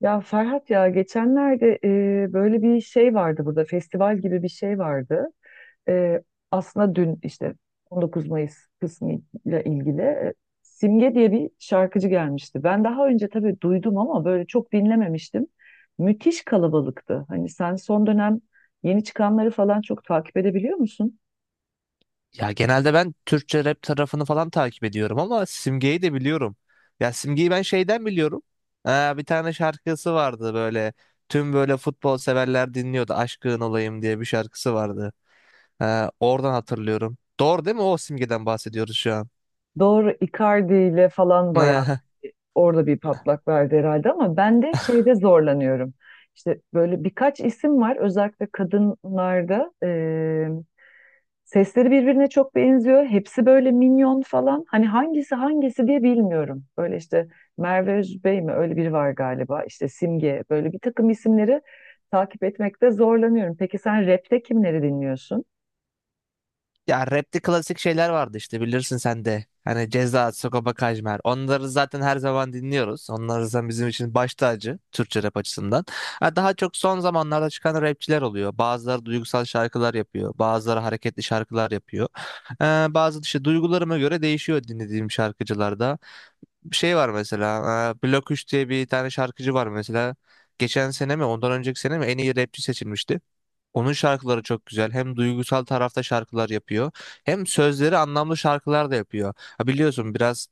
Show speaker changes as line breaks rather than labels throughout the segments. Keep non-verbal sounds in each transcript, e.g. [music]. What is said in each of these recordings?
Ya Ferhat ya geçenlerde böyle bir şey vardı burada festival gibi bir şey vardı. E, aslında dün işte 19 Mayıs kısmıyla ilgili Simge diye bir şarkıcı gelmişti. Ben daha önce tabii duydum ama böyle çok dinlememiştim. Müthiş kalabalıktı. Hani sen son dönem yeni çıkanları falan çok takip edebiliyor musun?
Ya genelde ben Türkçe rap tarafını falan takip ediyorum ama Simge'yi de biliyorum. Ya Simge'yi ben şeyden biliyorum. Bir tane şarkısı vardı böyle. Tüm böyle futbol severler dinliyordu. Aşkın olayım diye bir şarkısı vardı. Oradan hatırlıyorum. Doğru değil mi? O Simge'den bahsediyoruz şu an.
Doğru, Icardi ile falan bayağı
[laughs]
böyle orada bir patlak verdi herhalde ama ben de şeyde zorlanıyorum. İşte böyle birkaç isim var, özellikle kadınlarda sesleri birbirine çok benziyor. Hepsi böyle minyon falan. Hani hangisi hangisi diye bilmiyorum. Böyle işte Merve Özbey mi, öyle biri var galiba. İşte Simge, böyle bir takım isimleri takip etmekte zorlanıyorum. Peki sen rapte kimleri dinliyorsun?
Ya rapte klasik şeyler vardı işte bilirsin sen de. Hani Ceza, Sagopa Kajmer. Onları zaten her zaman dinliyoruz. Onlar zaten bizim için baş tacı Türkçe rap açısından. Ha, daha çok son zamanlarda çıkan rapçiler oluyor. Bazıları duygusal şarkılar yapıyor. Bazıları hareketli şarkılar yapıyor. Ee, Bazı işte duygularıma göre değişiyor dinlediğim şarkıcılarda. Bir şey var mesela. Blok 3 diye bir tane şarkıcı var mesela. Geçen sene mi ondan önceki sene mi en iyi rapçi seçilmişti. Onun şarkıları çok güzel. Hem duygusal tarafta şarkılar yapıyor, hem sözleri anlamlı şarkılar da yapıyor. Ha biliyorsun biraz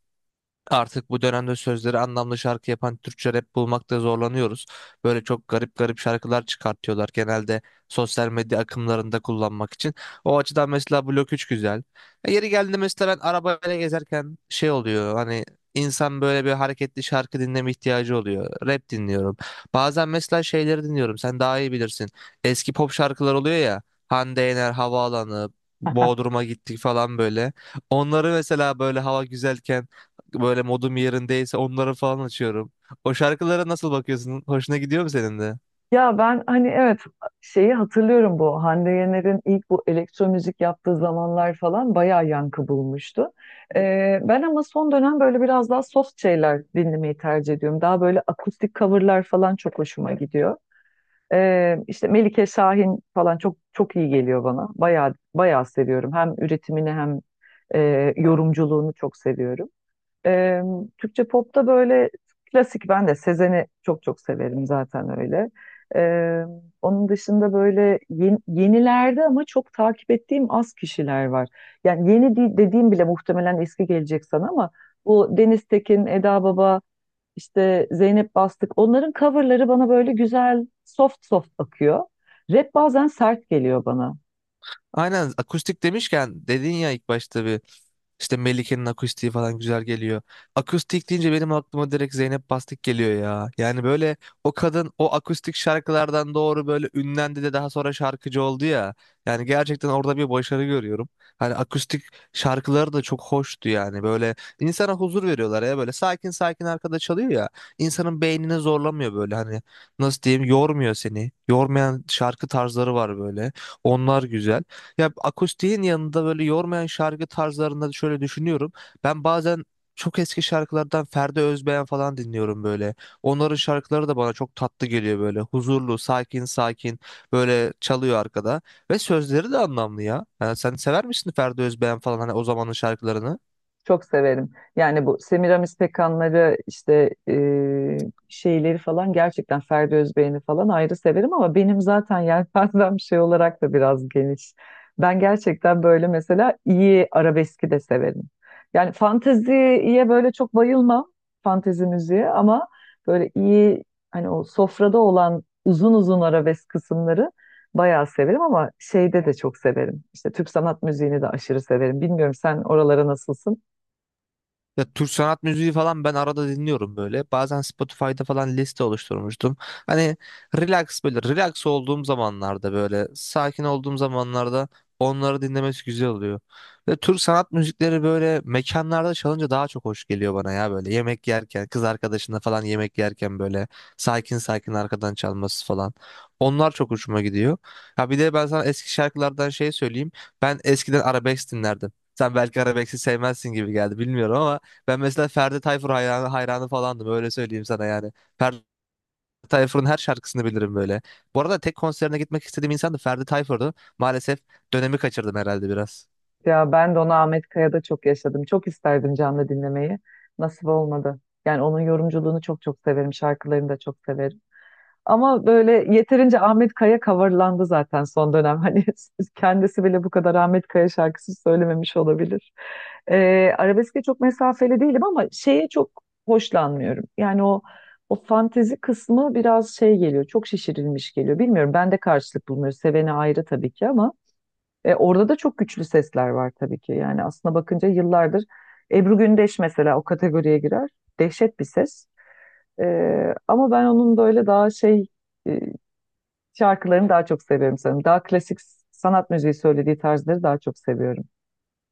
artık bu dönemde sözleri anlamlı şarkı yapan Türkçe rap bulmakta zorlanıyoruz. Böyle çok garip garip şarkılar çıkartıyorlar genelde sosyal medya akımlarında kullanmak için. O açıdan mesela Blok 3 güzel. Yeri geldi mesela ben arabayla gezerken şey oluyor, hani insan böyle bir hareketli şarkı dinleme ihtiyacı oluyor. Rap dinliyorum. Bazen mesela şeyleri dinliyorum, sen daha iyi bilirsin. Eski pop şarkılar oluyor ya, Hande Yener, Havaalanı, Bodrum'a gittik falan böyle. Onları mesela böyle hava güzelken, böyle modum yerindeyse onları falan açıyorum. O şarkılara nasıl bakıyorsun? Hoşuna gidiyor mu senin de?
Ya ben hani evet, şeyi hatırlıyorum, bu Hande Yener'in ilk bu elektro müzik yaptığı zamanlar falan bayağı yankı bulmuştu. Ben ama son dönem böyle biraz daha soft şeyler dinlemeyi tercih ediyorum. Daha böyle akustik coverlar falan çok hoşuma gidiyor. İşte Melike Şahin falan çok çok iyi geliyor bana. Bayağı bayağı seviyorum. Hem üretimini hem yorumculuğunu çok seviyorum. Ee, Türkçe popta böyle klasik, ben de Sezen'i çok çok severim zaten öyle. Ee, onun dışında böyle yenilerde ama çok takip ettiğim az kişiler var. Yani dediğim bile muhtemelen eski gelecek sana ama bu Deniz Tekin, Eda Baba, işte Zeynep Bastık, onların coverları bana böyle güzel soft soft akıyor. Rap bazen sert geliyor bana.
Aynen, akustik demişken dedin ya ilk başta bir, İşte Melike'nin akustiği falan güzel geliyor. Akustik deyince benim aklıma direkt Zeynep Bastık geliyor ya. Yani böyle o kadın o akustik şarkılardan doğru böyle ünlendi de daha sonra şarkıcı oldu ya. Yani gerçekten orada bir başarı görüyorum. Hani akustik şarkıları da çok hoştu yani. Böyle insana huzur veriyorlar ya, böyle sakin sakin arkada çalıyor ya. İnsanın beynini zorlamıyor, böyle hani nasıl diyeyim, yormuyor seni. Yormayan şarkı tarzları var böyle. Onlar güzel. Ya akustiğin yanında böyle yormayan şarkı tarzlarında şöyle düşünüyorum. Ben bazen çok eski şarkılardan Ferdi Özbeğen falan dinliyorum böyle. Onların şarkıları da bana çok tatlı geliyor böyle. Huzurlu, sakin sakin böyle çalıyor arkada. Ve sözleri de anlamlı ya. Yani sen sever misin Ferdi Özbeğen falan, hani o zamanın şarkılarını?
Çok severim. Yani bu Semiramis Pekanları işte şeyleri falan, gerçekten Ferdi Özbeğen'i falan ayrı severim ama benim zaten [laughs] yelpazem şey olarak da biraz geniş. Ben gerçekten böyle mesela iyi arabeski de severim. Yani fanteziye böyle çok bayılmam. Fantezi müziğe ama böyle iyi, hani o sofrada olan uzun uzun arabesk kısımları bayağı severim. Ama şeyde de çok severim, İşte Türk sanat müziğini de aşırı severim. Bilmiyorum, sen oralara nasılsın?
Ya Türk sanat müziği falan ben arada dinliyorum böyle. Bazen Spotify'da falan liste oluşturmuştum. Hani relax, böyle relax olduğum zamanlarda, böyle sakin olduğum zamanlarda onları dinlemesi güzel oluyor. Ve Türk sanat müzikleri böyle mekanlarda çalınca daha çok hoş geliyor bana ya, böyle yemek yerken, kız arkadaşına falan yemek yerken böyle sakin sakin arkadan çalması falan. Onlar çok hoşuma gidiyor. Ha bir de ben sana eski şarkılardan şey söyleyeyim. Ben eskiden arabesk dinlerdim. Sen belki arabesk'i sevmezsin gibi geldi, bilmiyorum, ama ben mesela Ferdi Tayfur hayranı, hayranı falandım, öyle söyleyeyim sana yani. Ferdi Tayfur'un her şarkısını bilirim böyle. Bu arada tek konserine gitmek istediğim insan da Ferdi Tayfur'du. Maalesef dönemi kaçırdım herhalde biraz.
Ya ben de onu Ahmet Kaya'da çok yaşadım. Çok isterdim canlı dinlemeyi. Nasip olmadı. Yani onun yorumculuğunu çok çok severim. Şarkılarını da çok severim. Ama böyle yeterince Ahmet Kaya coverlandı zaten son dönem. [laughs] Hani kendisi bile bu kadar Ahmet Kaya şarkısı söylememiş olabilir. Arabeske çok mesafeli değilim ama şeye çok hoşlanmıyorum. Yani o fantezi kısmı biraz şey geliyor. Çok şişirilmiş geliyor. Bilmiyorum, ben de karşılık bulmuyorum. Seveni ayrı tabii ki ama orada da çok güçlü sesler var tabii ki. Yani aslına bakınca yıllardır Ebru Gündeş mesela o kategoriye girer. Dehşet bir ses. E, ama ben onun böyle daha şey e, şarkılarını daha çok seviyorum sanırım. Daha klasik sanat müziği söylediği tarzları daha çok seviyorum.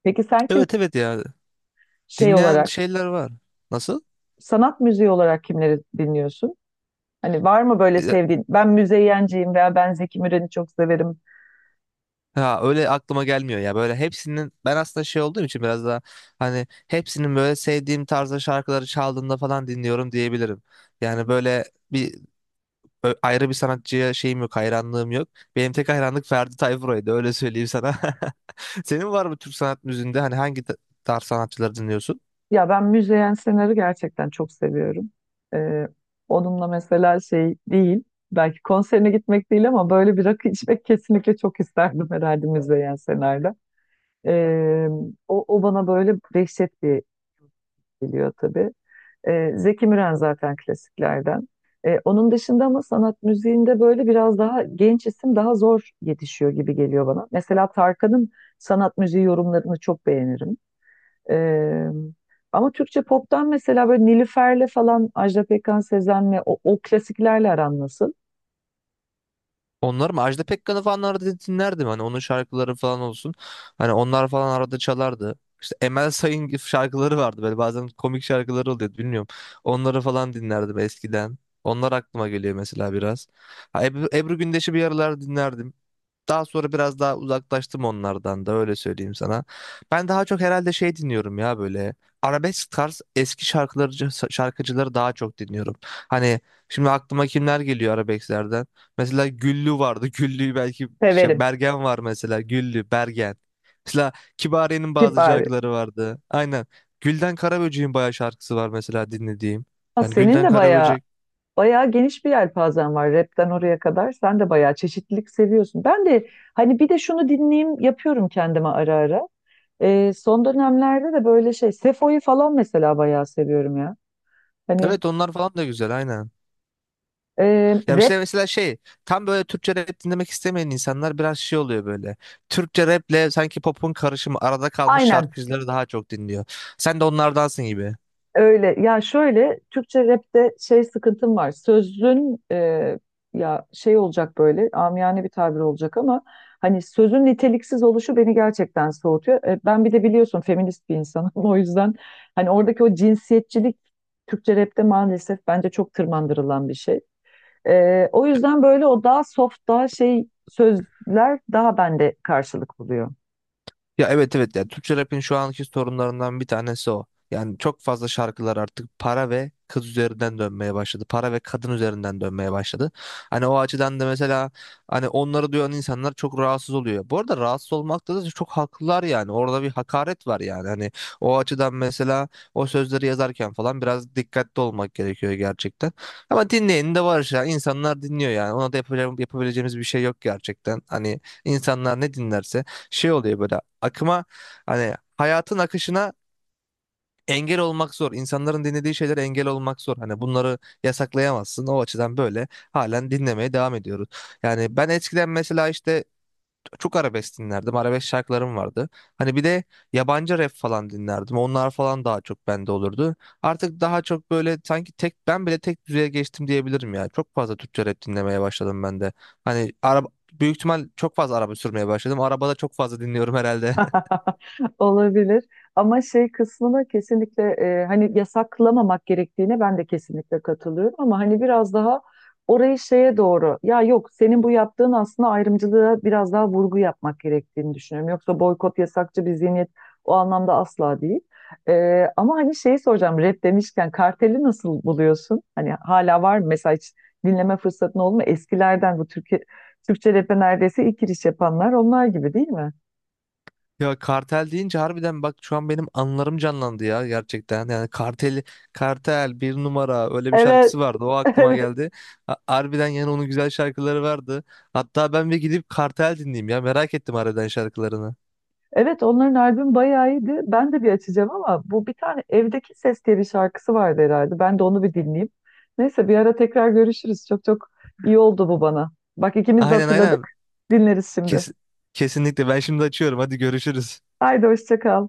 Peki sen kim
Evet evet ya.
şey
Dinleyen
olarak,
şeyler var. Nasıl?
sanat müziği olarak kimleri dinliyorsun? Hani var mı böyle
E,
sevdiğin? Ben Müzeyyenciyim veya ben Zeki Müren'i çok severim.
Ha öyle aklıma gelmiyor ya. Böyle hepsinin ben aslında şey olduğum için biraz daha, hani hepsinin böyle sevdiğim tarzda şarkıları çaldığında falan dinliyorum diyebilirim. Yani böyle bir ayrı bir sanatçıya şeyim yok, hayranlığım yok. Benim tek hayranlık Ferdi Tayfur'uydu, öyle söyleyeyim sana. [laughs] Senin var mı Türk sanat müziğinde, hani hangi tarz sanatçıları dinliyorsun?
Ya ben Müzeyyen Senar'ı gerçekten çok seviyorum. Ee, onunla mesela şey değil, belki konserine gitmek değil ama böyle bir rakı içmek kesinlikle çok isterdim herhalde Müzeyyen Senar'da. Ee, o bana böyle dehşet bir geliyor tabii. Zeki Müren zaten klasiklerden. Onun dışında ama sanat müziğinde böyle biraz daha genç isim daha zor yetişiyor gibi geliyor bana. Mesela Tarkan'ın sanat müziği yorumlarını çok beğenirim. E, ama Türkçe pop'tan mesela böyle Nilüfer'le falan, Ajda Pekkan, Sezen'le o klasiklerle aran nasıl?
Onlar mı? Ajda Pekkan'ı falan arada dinlerdim. Hani onun şarkıları falan olsun. Hani onlar falan arada çalardı. İşte Emel Sayın gibi şarkıları vardı. Böyle bazen komik şarkıları oluyordu. Bilmiyorum. Onları falan dinlerdim eskiden. Onlar aklıma geliyor mesela biraz. Ha, Ebru Gündeş'i bir aralar dinlerdim. Daha sonra biraz daha uzaklaştım onlardan da, öyle söyleyeyim sana. Ben daha çok herhalde şey dinliyorum ya böyle. Arabesk tarz eski şarkıları, şarkıcıları daha çok dinliyorum. Hani şimdi aklıma kimler geliyor arabesklerden? Mesela Güllü vardı. [laughs] Güllü belki şey,
Severim.
Bergen var mesela. Güllü, Bergen. Mesela Kibariye'nin bazı
Kibar.
şarkıları vardı. Aynen. Gülden Karaböcek'in bayağı şarkısı var mesela dinlediğim.
Ha,
Yani
senin
Gülden
de bayağı
Karaböcek.
bayağı geniş bir yelpazen var, rapten oraya kadar. Sen de bayağı çeşitlilik seviyorsun. Ben de hani bir de şunu dinleyeyim yapıyorum kendime ara ara. Son dönemlerde de böyle şey Sefo'yu falan mesela bayağı seviyorum ya. Hani
Evet, onlar falan da güzel, aynen.
e,
Ya
rap
işte mesela şey, tam böyle Türkçe rap dinlemek istemeyen insanlar biraz şey oluyor böyle. Türkçe raple sanki popun karışımı arada kalmış
aynen.
şarkıcıları daha çok dinliyor. Sen de onlardansın gibi.
Öyle ya, şöyle Türkçe rapte şey sıkıntım var. Sözün ya şey olacak, böyle amiyane bir tabir olacak ama hani sözün niteliksiz oluşu beni gerçekten soğutuyor. E, ben bir de biliyorsun feminist bir insanım [laughs] o yüzden hani oradaki o cinsiyetçilik Türkçe rapte maalesef bence çok tırmandırılan bir şey. O yüzden böyle o daha soft daha şey sözler daha bende karşılık buluyor.
Ya evet evet ya, Türkçe rap'in şu anki sorunlarından bir tanesi o. Yani çok fazla şarkılar artık para ve kız üzerinden dönmeye başladı. Para ve kadın üzerinden dönmeye başladı. Hani o açıdan da mesela, hani onları duyan insanlar çok rahatsız oluyor. Bu arada rahatsız olmakta da çok haklılar yani. Orada bir hakaret var yani. Hani o açıdan mesela o sözleri yazarken falan biraz dikkatli olmak gerekiyor gerçekten. Ama dinleyen de var ya. İnsanlar dinliyor yani. Ona da yapacağım, yapabileceğimiz bir şey yok gerçekten. Hani insanlar ne dinlerse şey oluyor böyle, akıma, hani hayatın akışına engel olmak zor. İnsanların dinlediği şeylere engel olmak zor. Hani bunları yasaklayamazsın. O açıdan böyle halen dinlemeye devam ediyoruz. Yani ben eskiden mesela işte çok arabesk dinlerdim. Arabesk şarkılarım vardı. Hani bir de yabancı rap falan dinlerdim. Onlar falan daha çok bende olurdu. Artık daha çok böyle sanki tek, ben bile tek düzeye geçtim diyebilirim ya. Çok fazla Türkçe rap dinlemeye başladım ben de. Hani araba, büyük ihtimal çok fazla araba sürmeye başladım. Arabada çok fazla dinliyorum herhalde.
[laughs] Olabilir. Ama şey kısmına kesinlikle hani yasaklamamak gerektiğine ben de kesinlikle katılıyorum ama hani biraz daha orayı şeye doğru, ya yok, senin bu yaptığın aslında ayrımcılığa biraz daha vurgu yapmak gerektiğini düşünüyorum. Yoksa boykot yasakçı bir zihniyet o anlamda asla değil. Ama hani şeyi soracağım, rap demişken karteli nasıl buluyorsun? Hani hala var mı? Mesela hiç dinleme fırsatın oldu mu? Eskilerden, bu Türkiye, Türkçe rap'e neredeyse ilk giriş yapanlar onlar, gibi değil mi?
Ya kartel deyince harbiden bak şu an benim anılarım canlandı ya, gerçekten. Yani kartel bir numara, öyle bir
Evet.
şarkısı vardı. O
[laughs]
aklıma
Evet,
geldi. Harbiden yani onun güzel şarkıları vardı. Hatta ben bir gidip kartel dinleyeyim ya. Merak ettim harbiden şarkılarını.
evet, onların albüm bayağı iyiydi. Ben de bir açacağım ama bu bir tane Evdeki Ses diye bir şarkısı vardı herhalde. Ben de onu bir dinleyeyim. Neyse, bir ara tekrar görüşürüz. Çok çok iyi oldu bu bana. Bak ikimiz de
Aynen aynen.
hatırladık. Dinleriz şimdi.
Kes- Kesinlikle ben şimdi açıyorum. Hadi görüşürüz.
Haydi hoşça kal.